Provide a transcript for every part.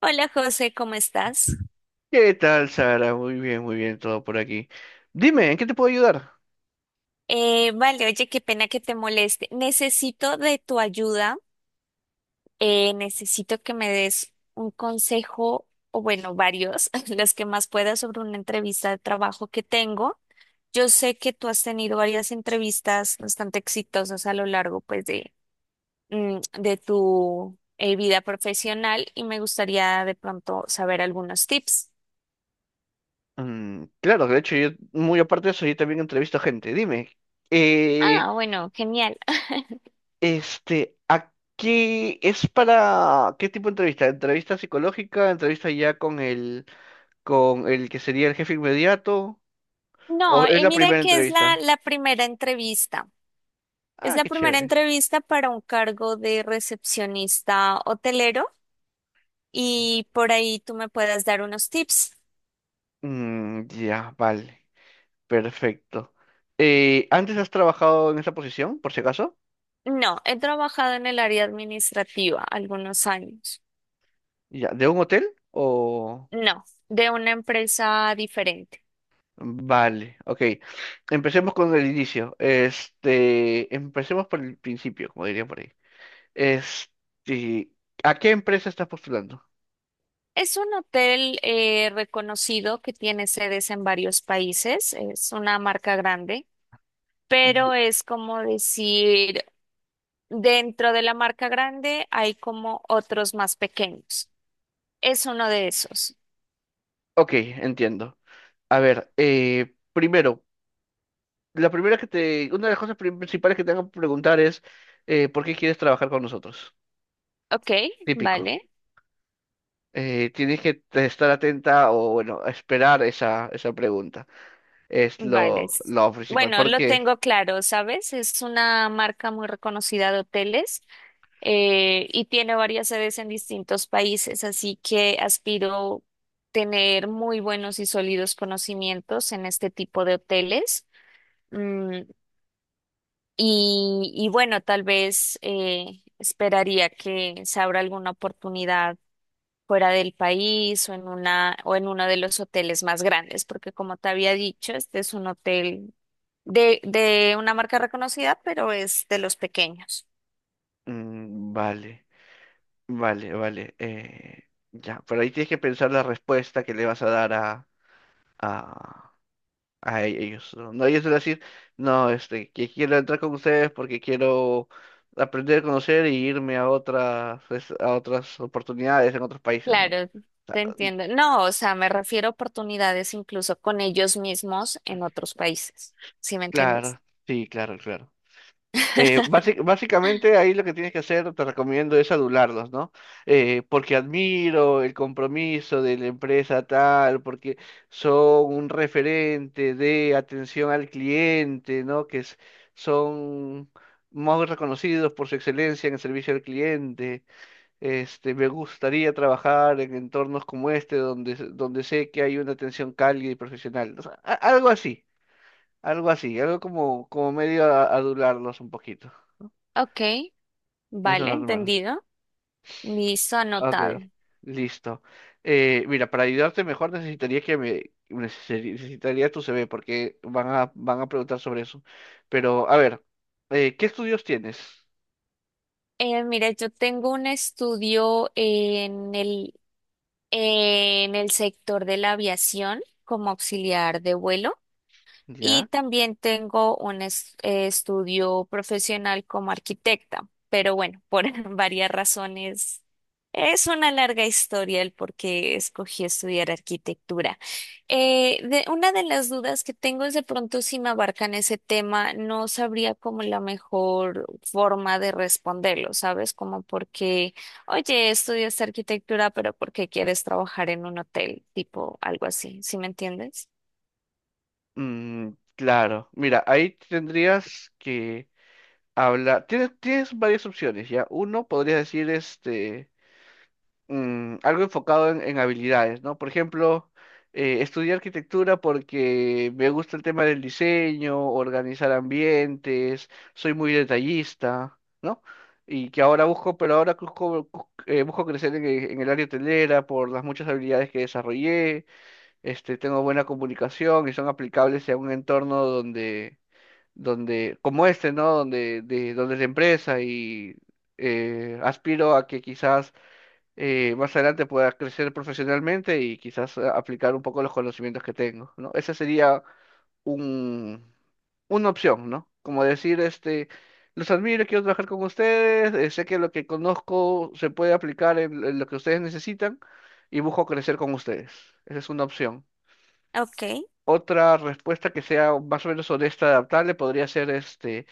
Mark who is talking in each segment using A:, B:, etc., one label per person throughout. A: Hola José, ¿cómo estás?
B: ¿Qué tal, Sara? Muy bien, todo por aquí. Dime, ¿en qué te puedo ayudar?
A: Vale, oye, qué pena que te moleste. Necesito de tu ayuda, necesito que me des un consejo, o bueno, varios, los que más puedas sobre una entrevista de trabajo que tengo. Yo sé que tú has tenido varias entrevistas bastante exitosas a lo largo, pues, de tu vida profesional y me gustaría de pronto saber algunos tips.
B: Mm, claro, de hecho, yo, muy aparte de eso, yo también entrevisto a gente. Dime, eh,
A: Ah, bueno, genial.
B: ¿a qué es para qué tipo de entrevista? ¿Entrevista psicológica? ¿Entrevista ya con el que sería el jefe inmediato?
A: No,
B: ¿O es la
A: mira
B: primera
A: que es la,
B: entrevista?
A: la primera entrevista. Es
B: Ah,
A: la
B: qué
A: primera
B: chévere.
A: entrevista para un cargo de recepcionista hotelero y por ahí tú me puedas dar unos tips.
B: Mm, ya, vale, perfecto. ¿Antes has trabajado en esa posición, por si acaso?
A: No, he trabajado en el área administrativa algunos años.
B: Ya, ¿de un hotel o...?
A: No, de una empresa diferente.
B: Vale, ok. Empecemos con el inicio. Este, empecemos por el principio, como dirían por ahí. Este, ¿a qué empresa estás postulando?
A: Es un hotel reconocido que tiene sedes en varios países. Es una marca grande,
B: Ye-
A: pero es como decir dentro de la marca grande hay como otros más pequeños. Es uno de esos.
B: Ok, entiendo. A ver, primero, la primera que te, una de las cosas principales que te van a preguntar es ¿por qué quieres trabajar con nosotros?
A: Ok,
B: Típico.
A: vale,
B: Tienes que estar atenta o bueno, esperar esa pregunta. Es
A: vale,
B: lo,
A: sí.
B: lo principal.
A: Bueno,
B: ¿Por
A: lo
B: qué?
A: tengo claro, ¿sabes? Es una marca muy reconocida de hoteles y tiene varias sedes en distintos países, así que aspiro tener muy buenos y sólidos conocimientos en este tipo de hoteles. Mm, y bueno, tal vez esperaría que se abra alguna oportunidad fuera del país o en una o en uno de los hoteles más grandes, porque como te había dicho, este es un hotel de una marca reconocida, pero es de los pequeños.
B: Mm, vale. Vale, vale. Ya, pero ahí tienes que pensar la respuesta que le vas a dar a, a ellos. No, no, ellos van a decir, no, este, que quiero entrar con ustedes porque quiero aprender a conocer y irme a otras, a otras oportunidades en otros países, ¿no?
A: Claro, te entiendo. No, o sea, me refiero a oportunidades incluso con ellos mismos en otros países. ¿Sí me entiendes?
B: Claro, sí, claro, claro. Básicamente ahí lo que tienes que hacer, te recomiendo, es adularlos, ¿no? Porque admiro el compromiso de la empresa tal, porque son un referente de atención al cliente, ¿no? Son muy reconocidos por su excelencia en el servicio al cliente. Este, me gustaría trabajar en entornos como este, donde, donde sé que hay una atención cálida y profesional. O sea, algo así, algo así, algo como, como medio adularlos un poquito.
A: Ok,
B: Es lo
A: vale,
B: normal.
A: entendido. Listo,
B: Ok,
A: anotado.
B: listo. Mira, para ayudarte mejor necesitaría que me necesitaría tu CV porque van a preguntar sobre eso. Pero a ver, ¿qué estudios tienes?
A: Mira, yo tengo un estudio en en el sector de la aviación como auxiliar de vuelo. Y
B: ¿Ya?
A: también tengo un estudio profesional como arquitecta, pero bueno, por varias razones es una larga historia el por qué escogí estudiar arquitectura. Una de las dudas que tengo es de pronto si me abarcan ese tema, no sabría como la mejor forma de responderlo, ¿sabes? Como porque, oye, estudias arquitectura, pero ¿por qué quieres trabajar en un hotel? Tipo algo así, ¿sí me entiendes?
B: Mm, claro. Mira, ahí tendrías que hablar. Tienes varias opciones, ¿ya? Uno podría decir este mm, algo enfocado en habilidades, ¿no? Por ejemplo, estudié arquitectura porque me gusta el tema del diseño, organizar ambientes, soy muy detallista, ¿no? Y que ahora busco, pero ahora busco, busco crecer en el área hotelera por las muchas habilidades que desarrollé, este, tengo buena comunicación y son aplicables a un entorno donde, donde, como este, ¿no? Donde, de, donde es de empresa y aspiro a que quizás más adelante pueda crecer profesionalmente y quizás aplicar un poco los conocimientos que tengo, ¿no? Esa sería un, una opción, ¿no? Como decir, este, los admiro, quiero trabajar con ustedes, sé que lo que conozco se puede aplicar en lo que ustedes necesitan y busco crecer con ustedes. Esa es una opción.
A: Ok.
B: Otra respuesta que sea más o menos honesta, adaptable, podría ser este,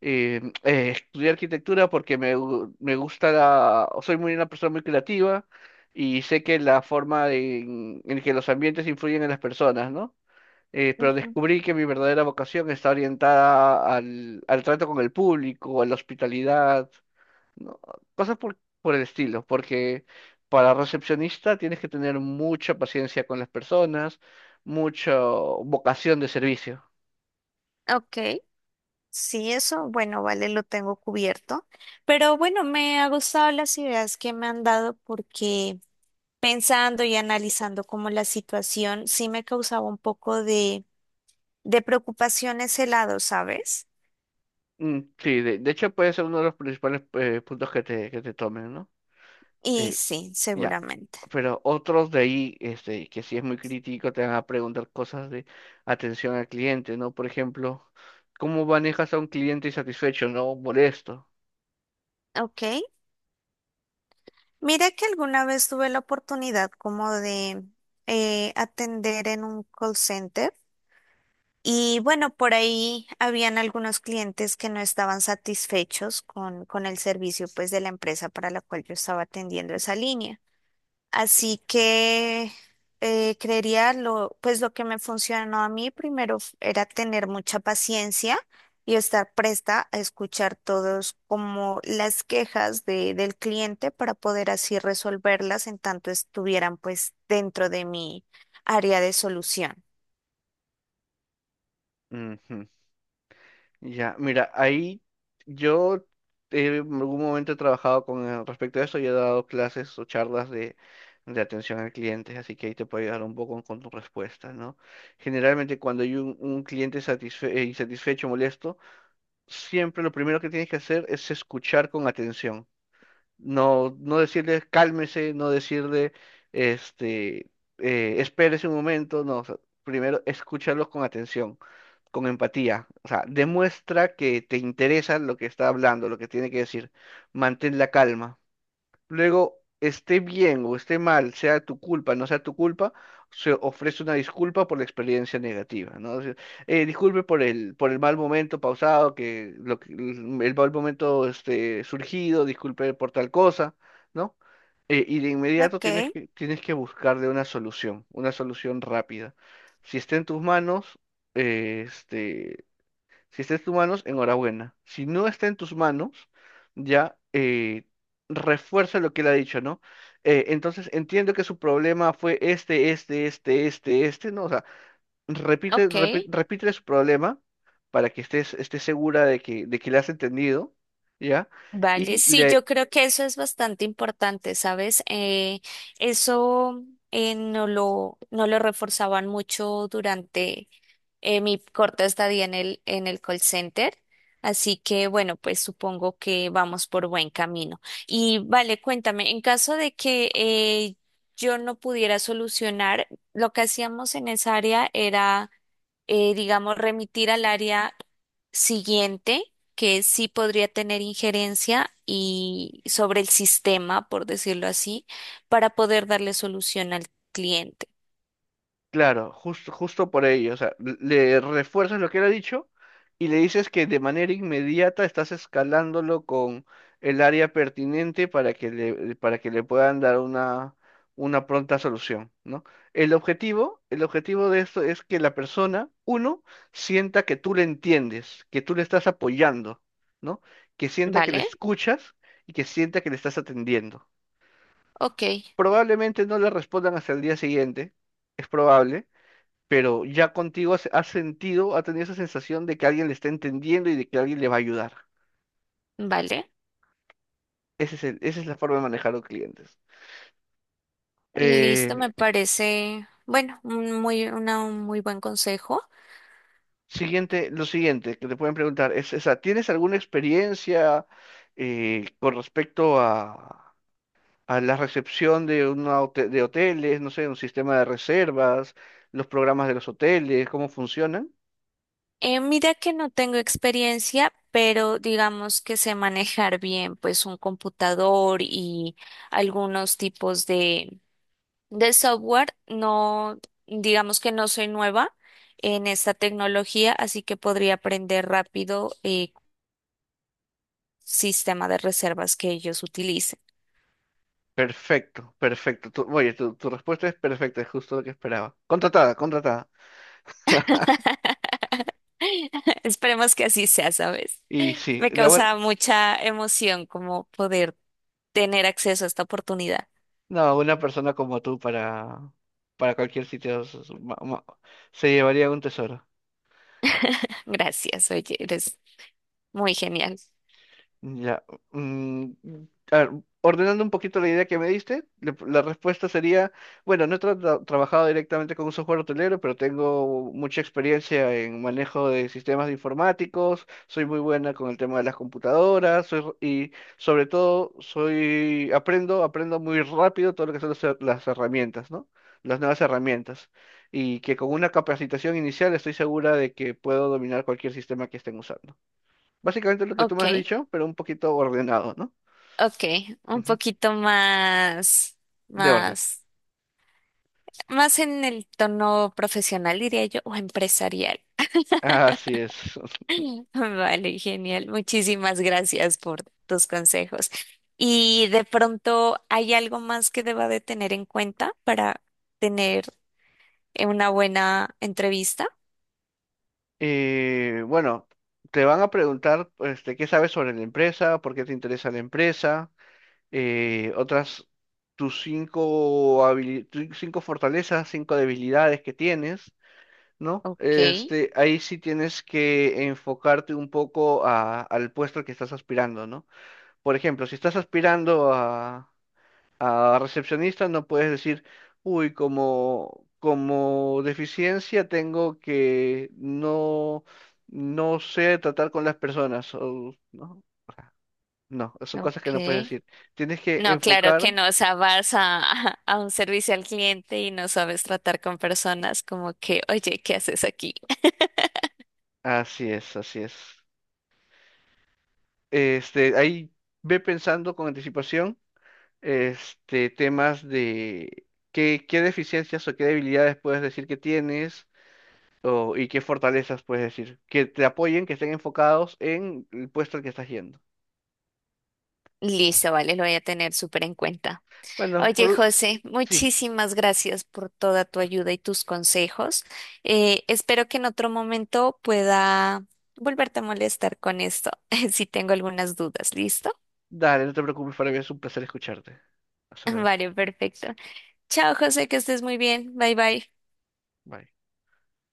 B: estudiar arquitectura porque me gusta la, soy muy una persona muy creativa y sé que la forma en que los ambientes influyen en las personas, ¿no? Pero descubrí que mi verdadera vocación está orientada al, al trato con el público, a la hospitalidad, no, cosas por el estilo, porque para recepcionista tienes que tener mucha paciencia con las personas, mucha vocación de servicio.
A: Ok, sí, eso, bueno, vale, lo tengo cubierto. Pero bueno, me ha gustado las ideas que me han dado porque pensando y analizando como la situación, sí me causaba un poco de preocupación ese lado, ¿sabes?
B: Mm, sí, de hecho puede ser uno de los principales puntos que te tomen, ¿no?
A: Y
B: Eh,
A: sí,
B: ya,
A: seguramente.
B: pero otros de ahí, este, que sí es muy crítico, te van a preguntar cosas de atención al cliente, ¿no? Por ejemplo, ¿cómo manejas a un cliente insatisfecho, no molesto?
A: Ok, mira que alguna vez tuve la oportunidad como de atender en un call center. Y bueno, por ahí habían algunos clientes que no estaban satisfechos con el servicio pues de la empresa para la cual yo estaba atendiendo esa línea. Así que creería lo, pues lo que me funcionó a mí primero era tener mucha paciencia y estar presta a escuchar todos como las quejas del cliente para poder así resolverlas en tanto estuvieran pues dentro de mi área de solución.
B: Ujú. Ya, mira, ahí yo en algún momento he trabajado con respecto a eso y he dado clases o charlas de atención al cliente, así que ahí te puedo ayudar un poco con tu respuesta, ¿no? Generalmente cuando hay un cliente insatisfecho, molesto, siempre lo primero que tienes que hacer es escuchar con atención. No, no decirle cálmese, no decirle este espérese un momento, no, o sea, primero escúchalos con atención, con empatía. O sea, demuestra que te interesa lo que está hablando, lo que tiene que decir. Mantén la calma. Luego, esté bien o esté mal, sea tu culpa, no sea tu culpa, se ofrece una disculpa por la experiencia negativa, ¿no? O sea, disculpe por el mal momento pausado, que, el mal momento este, surgido, disculpe por tal cosa, ¿no? Y de inmediato
A: Ok,
B: tienes que buscarle una solución rápida. Si está en tus manos, eh, este, si está en tus manos, enhorabuena. Si no está en tus manos, ya eh, refuerza lo que él ha dicho, ¿no? Entonces entiendo que su problema fue este, este, este, este, este, ¿no? O sea,
A: ok.
B: repítele su problema para que estés segura de que le has entendido, ¿ya?
A: Vale,
B: Y
A: sí,
B: le,
A: yo creo que eso es bastante importante, ¿sabes? Eso no lo reforzaban mucho durante mi corta estadía en en el call center. Así que bueno, pues supongo que vamos por buen camino. Y vale, cuéntame, en caso de que yo no pudiera solucionar, lo que hacíamos en esa área era, digamos, remitir al área siguiente, que sí podría tener injerencia y sobre el sistema, por decirlo así, para poder darle solución al cliente.
B: claro, justo, justo por ello. O sea, le refuerzas lo que él ha dicho y le dices que de manera inmediata estás escalándolo con el área pertinente para que le puedan dar una pronta solución, ¿no? El objetivo de esto es que la persona, uno, sienta que tú le entiendes, que tú le estás apoyando, ¿no? Que sienta que le
A: ¿Vale?
B: escuchas y que sienta que le estás atendiendo.
A: Ok,
B: Probablemente no le respondan hasta el día siguiente, es probable, pero ya contigo has, has sentido, ha tenido esa sensación de que alguien le está entendiendo y de que alguien le va a ayudar.
A: vale.
B: Esa es la forma de manejar a los clientes.
A: Listo,
B: Eh,
A: me parece, bueno, un muy buen consejo.
B: siguiente, lo siguiente que te pueden preguntar es esa, ¿tienes alguna experiencia con respecto a la recepción de, de hoteles, no sé, un sistema de reservas, los programas de los hoteles, cómo funcionan?
A: Mira que no tengo experiencia, pero digamos que sé manejar bien, pues un computador y algunos tipos de software. No, digamos que no soy nueva en esta tecnología, así que podría aprender rápido el sistema de reservas que ellos utilicen.
B: Perfecto, perfecto. Oye, tu, tu respuesta es perfecta, es justo lo que esperaba. Contratada, contratada.
A: Esperemos que así sea, ¿sabes?
B: Y sí,
A: Me causa mucha emoción como poder tener acceso a esta oportunidad.
B: no, una persona como tú para cualquier sitio se llevaría un tesoro.
A: Gracias, oye, eres muy genial.
B: Ya. Mm, a ver, ordenando un poquito la idea que me diste, la respuesta sería, bueno, no he trabajado directamente con un software hotelero, pero tengo mucha experiencia en manejo de sistemas de informáticos, soy muy buena con el tema de las computadoras, y sobre todo soy, aprendo muy rápido todo lo que son las, las herramientas, ¿no? Las nuevas herramientas. Y que con una capacitación inicial estoy segura de que puedo dominar cualquier sistema que estén usando. Básicamente lo que tú me has
A: Ok,
B: dicho, pero un poquito ordenado, ¿no?
A: ok, un
B: Ujú,
A: poquito más,
B: de orden.
A: más, más en el tono profesional, diría yo, o empresarial.
B: Así es.
A: Vale, genial. Muchísimas gracias por tus consejos. ¿Y de pronto hay algo más que deba de tener en cuenta para tener una buena entrevista?
B: Bueno, te van a preguntar, este, qué sabes sobre la empresa, por qué te interesa la empresa, otras tus cinco habili- tu- cinco fortalezas, cinco debilidades que tienes, ¿no?
A: Ok,
B: Este, ahí sí tienes que enfocarte un poco al puesto al que estás aspirando, ¿no? Por ejemplo, si estás aspirando a recepcionista no puedes decir, uy, como, como deficiencia tengo que no, no sé tratar con las personas. O- no, no, son cosas que no puedes
A: ok.
B: decir. Tienes que
A: No, claro que
B: enfocar.
A: no, o sea, vas a, a un servicio al cliente y no sabes tratar con personas como que, oye, ¿qué haces aquí?
B: Así es, así es. Este, ahí ve pensando con anticipación, este, temas de qué, qué deficiencias o qué debilidades puedes decir que tienes. O- ¿y qué fortalezas puedes decir? Que te apoyen, que estén enfocados en el puesto al que estás yendo.
A: Listo, vale, lo voy a tener súper en cuenta.
B: Bueno,
A: Oye,
B: por...
A: José,
B: sí,
A: muchísimas gracias por toda tu ayuda y tus consejos. Espero que en otro momento pueda volverte a molestar con esto, si tengo algunas dudas. ¿Listo?
B: dale, no te preocupes, para mí es un placer escucharte. Hasta luego.
A: Vale, perfecto. Chao, José, que estés muy bien. Bye, bye.
B: Bye.